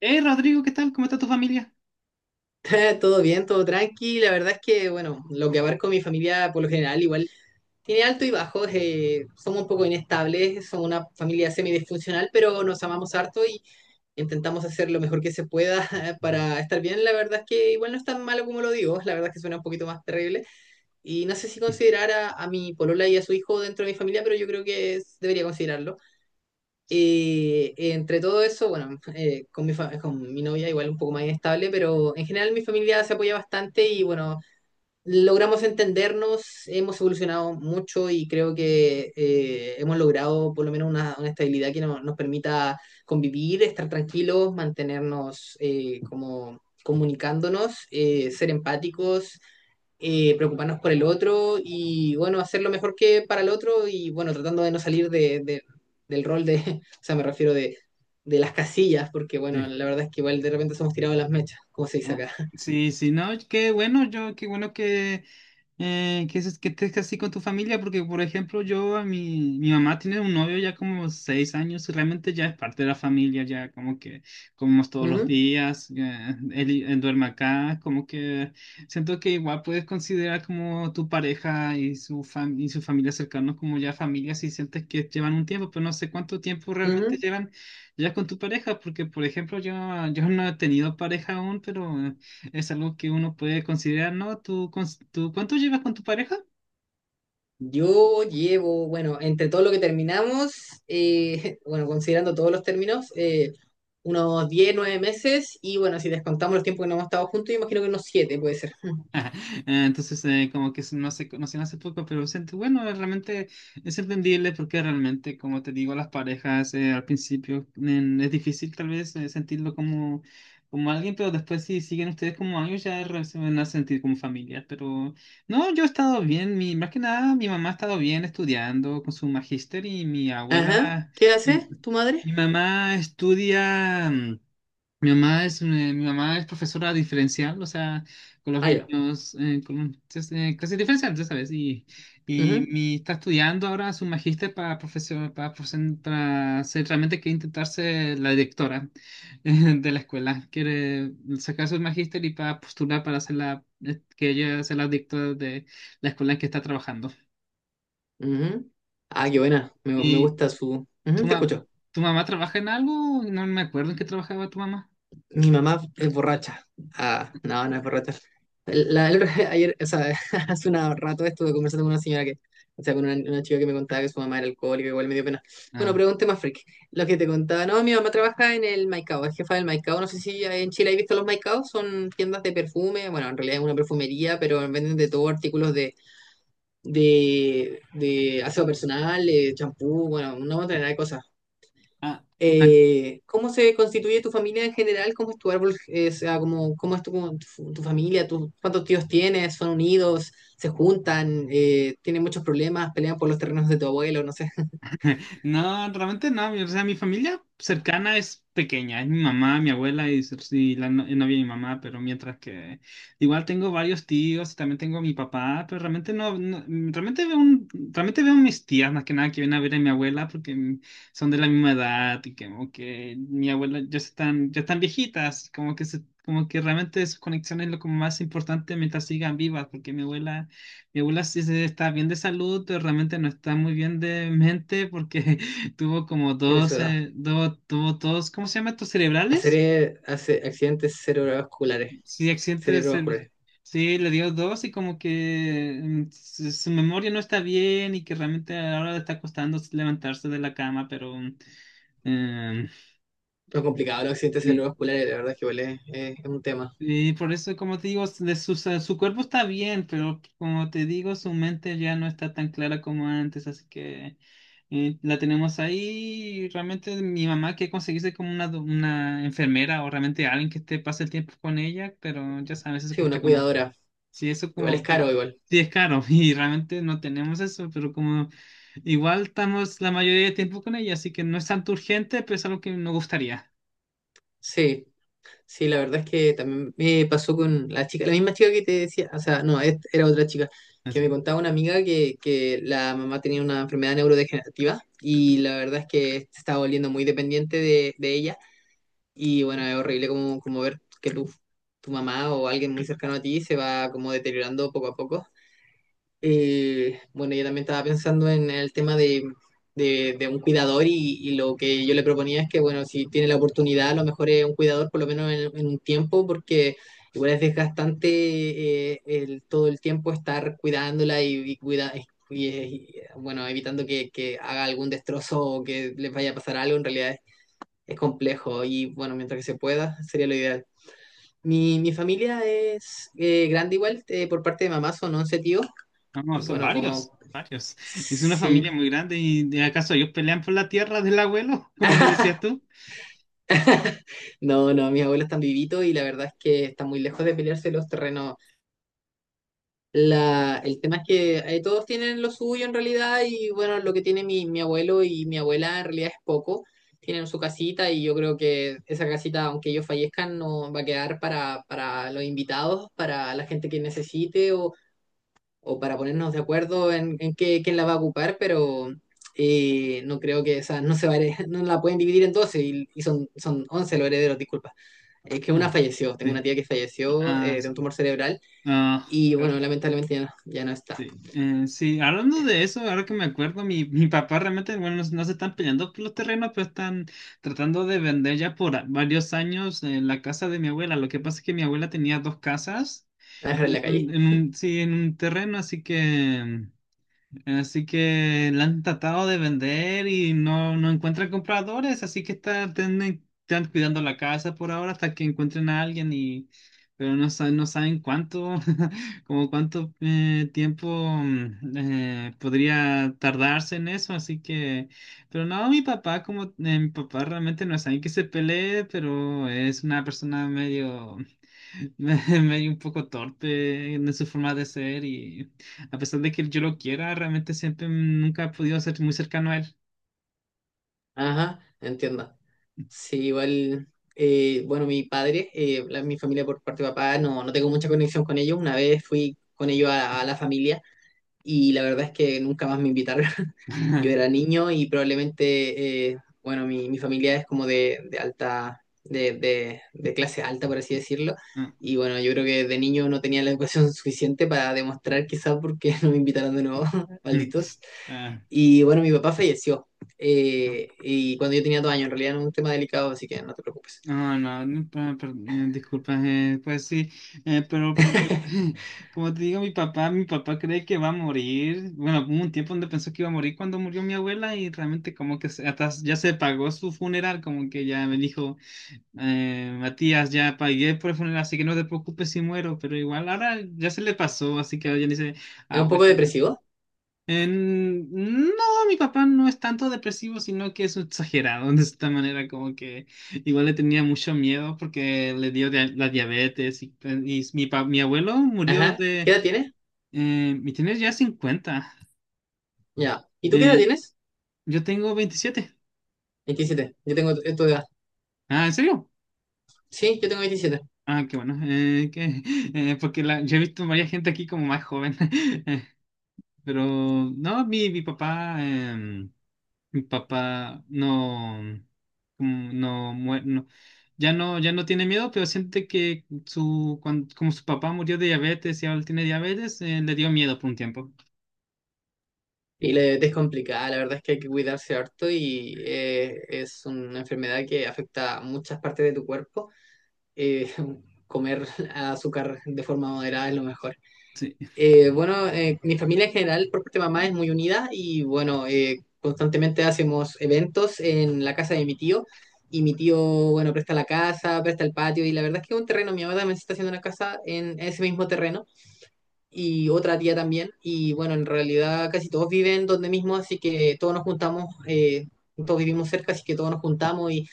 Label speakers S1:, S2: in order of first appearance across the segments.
S1: Rodrigo, ¿qué tal? ¿Cómo está tu familia?
S2: Todo bien, todo tranqui. La verdad es que, bueno, lo que abarco mi familia por lo general igual tiene alto y bajo. Somos un poco inestables, somos una familia semidisfuncional, pero nos amamos harto y intentamos hacer lo mejor que se pueda para estar bien. La verdad es que igual no es tan malo como lo digo, la verdad es que suena un poquito más terrible. Y no sé si considerar a mi polola y a su hijo dentro de mi familia, pero yo creo que debería considerarlo. Entre todo eso, bueno, con mi novia igual un poco más inestable, pero en general mi familia se apoya bastante y bueno, logramos entendernos, hemos evolucionado mucho y creo que hemos logrado por lo menos una estabilidad que nos permita convivir, estar tranquilos, mantenernos como comunicándonos, ser empáticos, preocuparnos por el otro y, bueno, hacer lo mejor que para el otro y, bueno, tratando de no salir del rol de, o sea, me refiero de las casillas, porque, bueno,
S1: Sí.
S2: la verdad es que igual de repente somos tirados las mechas, como se dice
S1: Ah,
S2: acá.
S1: sí, sí, no, qué bueno que estés así con tu familia, porque por ejemplo, mi mamá tiene un novio ya como 6 años y realmente ya es parte de la familia, ya como que comemos todos los
S2: Ujú,
S1: días, él duerme acá, como que siento que igual puedes considerar como tu pareja y y su familia cercanos como ya familia si sientes que llevan un tiempo, pero no sé cuánto tiempo realmente
S2: ujú.
S1: llevan ya con tu pareja, porque por ejemplo, yo no he tenido pareja aún, pero es algo que uno puede considerar, ¿no? Cuánto llevas con tu pareja?
S2: Yo llevo, bueno, entre todo lo que terminamos, bueno, considerando todos los términos, unos 10 9 meses y bueno, si descontamos los tiempos que no hemos estado juntos, imagino que unos 7 puede ser.
S1: Entonces, como que no se conocen hace poco, pero siento, bueno, es entendible porque realmente, como te digo, las parejas, al principio, es difícil tal vez sentirlo como, alguien, pero después si siguen ustedes como algo se van a sentir como familia. Pero no, yo he estado bien, más que nada mi mamá ha estado bien estudiando con su magíster y mi
S2: Ajá,
S1: abuela.
S2: ¿qué
S1: mi,
S2: hace tu madre?
S1: mi mamá estudia... Mi mamá es profesora diferencial, o sea, con los
S2: Ah, ya.
S1: niños, clase diferencial, ya sabes,
S2: Ujú.
S1: está estudiando ahora su magíster para profesor, para ser realmente que intentarse la directora de la escuela. Quiere sacar su magíster y para postular para ser que ella sea la directora de la escuela en que está trabajando.
S2: Ujú. Ah, qué
S1: Sí.
S2: buena. Me
S1: ¿Y
S2: gusta su. Ujú,
S1: tu,
S2: te
S1: ma-
S2: escucho.
S1: tu mamá trabaja en algo? No me acuerdo en qué trabajaba tu mamá.
S2: Mi mamá es borracha. Ah, no, no es borracha. Ayer, o sea, hace un rato estuve conversando con una señora que, o sea, con una chica que me contaba que su mamá era alcohólica, igual me dio pena. Bueno,
S1: Ah,
S2: pregunté más freak. Lo que te contaba, no, mi mamá trabaja en el Maicao, es jefa del Maicao. No sé si en Chile hay visto los Maicaos, son tiendas de perfume, bueno, en realidad es una perfumería, pero venden de todo, artículos de aseo personal, champú, bueno, una montaña de cosas.
S1: ah,
S2: ¿Cómo se constituye tu familia en general? ¿Cómo es tu árbol? O sea, ¿cómo, cómo es tu, tu familia? ¿Cuántos tíos tienes? ¿Son unidos? ¿Se juntan? ¿Tienen muchos problemas? ¿Pelean por los terrenos de tu abuelo? No sé.
S1: no, realmente no. O sea, mi familia cercana es pequeña. Es mi mamá, mi abuela y la no- novia de mi mamá. Pero mientras que igual tengo varios tíos y también tengo a mi papá. Pero realmente realmente realmente veo a mis tías más que nada que vienen a ver a mi abuela porque son de la misma edad y que como que mi abuela ya están viejitas. Como que realmente sus conexiones es lo como más importante mientras sigan vivas porque mi abuela sí se está bien de salud, pero realmente no está muy bien de mente porque tuvo como
S2: Tiene su
S1: dos,
S2: edad.
S1: do- tuvo dos, ¿cómo se llama? ¿Estos cerebrales?
S2: Hacer hace accidentes cerebrovasculares.
S1: Sí,
S2: Cerebrovasculares.
S1: sí, le dio dos y como que su memoria no está bien y que realmente ahora le está costando levantarse de la cama, pero em,
S2: Lo complicado, los accidentes
S1: sí.
S2: cerebrovasculares, la verdad es que igual es, es un tema.
S1: Y por eso, como te digo, de su cuerpo está bien, pero como te digo, su mente ya no está tan clara como antes, así que la tenemos ahí. Y realmente mi mamá quiere conseguirse como una enfermera o realmente alguien que te pase el tiempo con ella, pero ya sabes, eso
S2: Sí,
S1: cuesta
S2: una
S1: como,
S2: cuidadora.
S1: sí, eso
S2: Igual es
S1: como que,
S2: caro, igual.
S1: sí es caro y realmente no tenemos eso, pero como igual estamos la mayoría del tiempo con ella, así que no es tan urgente, pero es algo que nos gustaría.
S2: Sí. Sí, la verdad es que también me pasó con la chica, la misma chica que te decía, o sea, no, era otra chica, que me
S1: Así.
S2: contaba una amiga que la mamá tenía una enfermedad neurodegenerativa y la verdad es que se estaba volviendo muy dependiente de ella y bueno, es horrible como, como ver que tu mamá o alguien muy cercano a ti se va como deteriorando poco a poco. Bueno, yo también estaba pensando en el tema de, de un cuidador y lo que yo le proponía es que, bueno, si tiene la oportunidad, a lo mejor es un cuidador por lo menos en un tiempo, porque igual es desgastante, el, todo el tiempo estar cuidándola y cuida, y, bueno, evitando que haga algún destrozo o que les vaya a pasar algo, en realidad es complejo y, bueno, mientras que se pueda, sería lo ideal. Mi familia es grande igual, por parte de mamá son 11 tíos.
S1: No, no,
S2: Y
S1: son
S2: bueno,
S1: varios,
S2: como
S1: varios. Es una
S2: Sí.
S1: familia muy grande. ¿Y de acaso ellos pelean por la tierra del abuelo, como me decías tú?
S2: No, no, mis abuelos están vivitos y la verdad es que están muy lejos de pelearse los terrenos. La, el tema es que todos tienen lo suyo en realidad y bueno, lo que tiene mi, mi abuelo y mi abuela en realidad es poco. Tienen su casita y yo creo que esa casita, aunque ellos fallezcan, no va a quedar para los invitados, para la gente que necesite o para ponernos de acuerdo en qué, quién la va a ocupar, pero no creo que esa no se va a no la pueden dividir en 12 y son, son 11 los herederos, disculpa. Es que una
S1: Ah,
S2: falleció, tengo una
S1: sí.
S2: tía que falleció
S1: Ah,
S2: de un
S1: sí.
S2: tumor cerebral
S1: Ah,
S2: y
S1: qué
S2: bueno,
S1: horrible.
S2: lamentablemente ya no, ya no está.
S1: Sí. Sí, hablando de eso, ahora que me acuerdo, mi papá realmente, bueno, no, no se están peleando por los terrenos, pero están tratando de vender ya varios años, la casa de mi abuela. Lo que pasa es que mi abuela tenía dos casas
S2: La dejar en la calle.
S1: sí, en un terreno, así que... Así que la han tratado de vender y no encuentran compradores, así que están cuidando la casa por ahora hasta que encuentren a alguien y pero no saben cuánto, como cuánto tiempo, podría tardarse en eso, así que, pero no, mi papá, realmente no es alguien que se pelee, pero es una persona medio, medio un poco torpe en su forma de ser y a pesar de que yo lo quiera, realmente siempre nunca he podido ser muy cercano a él.
S2: Ajá, entiendo. Sí, igual, bueno, mi padre, mi familia por parte de papá, no, no tengo mucha conexión con ellos. Una vez fui con ellos a la familia y la verdad es que nunca más me invitaron. Yo era niño y probablemente, bueno, mi familia es como de alta, de clase alta, por así decirlo. Y bueno, yo creo que de niño no tenía la educación suficiente para demostrar quizá por qué no me invitaron de nuevo, malditos.
S1: Ah,
S2: Y bueno, mi papá falleció.
S1: no,
S2: Y cuando yo tenía dos años, en realidad no es un tema delicado, así que no te preocupes.
S1: no, no, no, disculpa, pues sí, pero como te digo, mi papá cree que va a morir. Bueno, hubo un tiempo donde pensó que iba a morir cuando murió mi abuela y realmente como que hasta ya se pagó su funeral, como que ya me dijo, Matías, ya pagué por el funeral, así que no te preocupes si muero, pero igual ahora ya se le pasó, así que ya dice,
S2: Es
S1: ah,
S2: un
S1: voy a
S2: poco
S1: estar.
S2: depresivo.
S1: No, mi papá no es tanto depresivo, sino que es un exagerado de esta manera, como que igual le tenía mucho miedo porque le dio la diabetes y mi abuelo murió
S2: Ajá.
S1: de...
S2: ¿Qué edad tienes?
S1: Y tenía ya 50.
S2: Ya. ¿Y tú qué edad
S1: Eh,
S2: tienes?
S1: yo tengo 27.
S2: Veintisiete. Yo tengo esto de
S1: Ah, ¿en serio?
S2: Sí, yo tengo 27.
S1: Ah, qué bueno. Porque yo he visto varias gente aquí como más joven. Eh, pero no, mi papá... Mi papá no, como no, mue- no, ya no, ya no tiene miedo, pero siente que como su papá murió de diabetes y ahora él tiene diabetes, le dio miedo por un tiempo.
S2: Y la diabetes es complicada, la verdad es que hay que cuidarse harto y es una enfermedad que afecta a muchas partes de tu cuerpo. Eh, comer azúcar de forma moderada es lo mejor.
S1: Sí.
S2: Bueno, mi familia en general, por parte de mamá, es muy unida y bueno, constantemente hacemos eventos en la casa de mi tío y mi tío, bueno, presta la casa, presta el patio y la verdad es que es un terreno, mi mamá también se está haciendo una casa en ese mismo terreno y otra tía también. Y bueno, en realidad casi todos viven donde mismo, así que todos nos juntamos, todos vivimos cerca, así que todos nos juntamos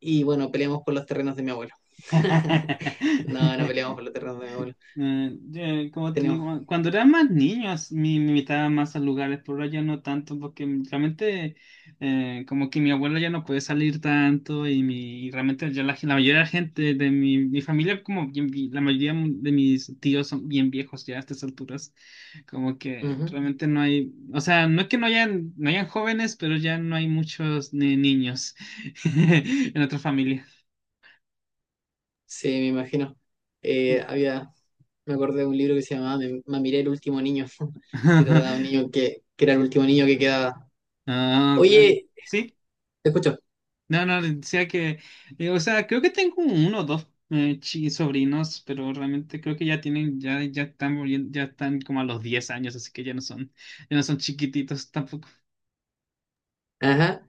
S2: y bueno, peleamos por los terrenos de mi abuelo. No, no peleamos por los terrenos de mi abuelo.
S1: Como te
S2: Tenemos.
S1: digo, cuando era más niño, me invitaba más a lugares, pero ahora ya no tanto, porque realmente como que mi abuela ya no puede salir tanto y realmente ya la mayoría de la gente de mi familia, como la mayoría de mis tíos son bien viejos ya a estas alturas, como que
S2: Ujú.
S1: realmente no hay, o sea, no es que no hayan jóvenes, pero ya no hay muchos niños en otra familia.
S2: Sí, me imagino.
S1: Sí.
S2: Había, me acordé de un libro que se llamaba Me, Mamiré el último niño, que trataba de un niño que era el último niño que quedaba.
S1: Ah, ok, bueno.
S2: Oye,
S1: ¿Sí?
S2: te escucho.
S1: No, no, decía que, o sea, creo que tengo uno o dos sobrinos, pero realmente creo que ya tienen, ya, ya están, volviendo- ya están como a los 10 años, así que ya no son chiquititos tampoco.
S2: Ajá.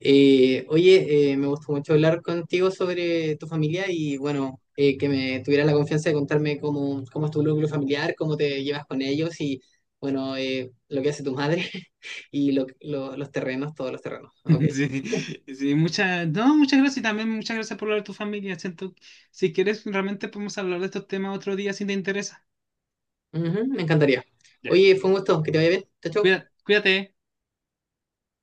S2: Oye, me gustó mucho hablar contigo sobre tu familia y bueno, que me tuvieras la confianza de contarme cómo, cómo es tu núcleo familiar, cómo te llevas con ellos y bueno, lo que hace tu madre y los terrenos, todos los terrenos. Ok,
S1: Sí, sí, muchas, no, muchas gracias y también muchas gracias por hablar de tu familia. Siento, si quieres, realmente podemos hablar de estos temas otro día si te interesa.
S2: Ujú, me encantaría.
S1: Ya,
S2: Oye, fue un gusto, que te vaya bien. Chao, chao.
S1: cuídate.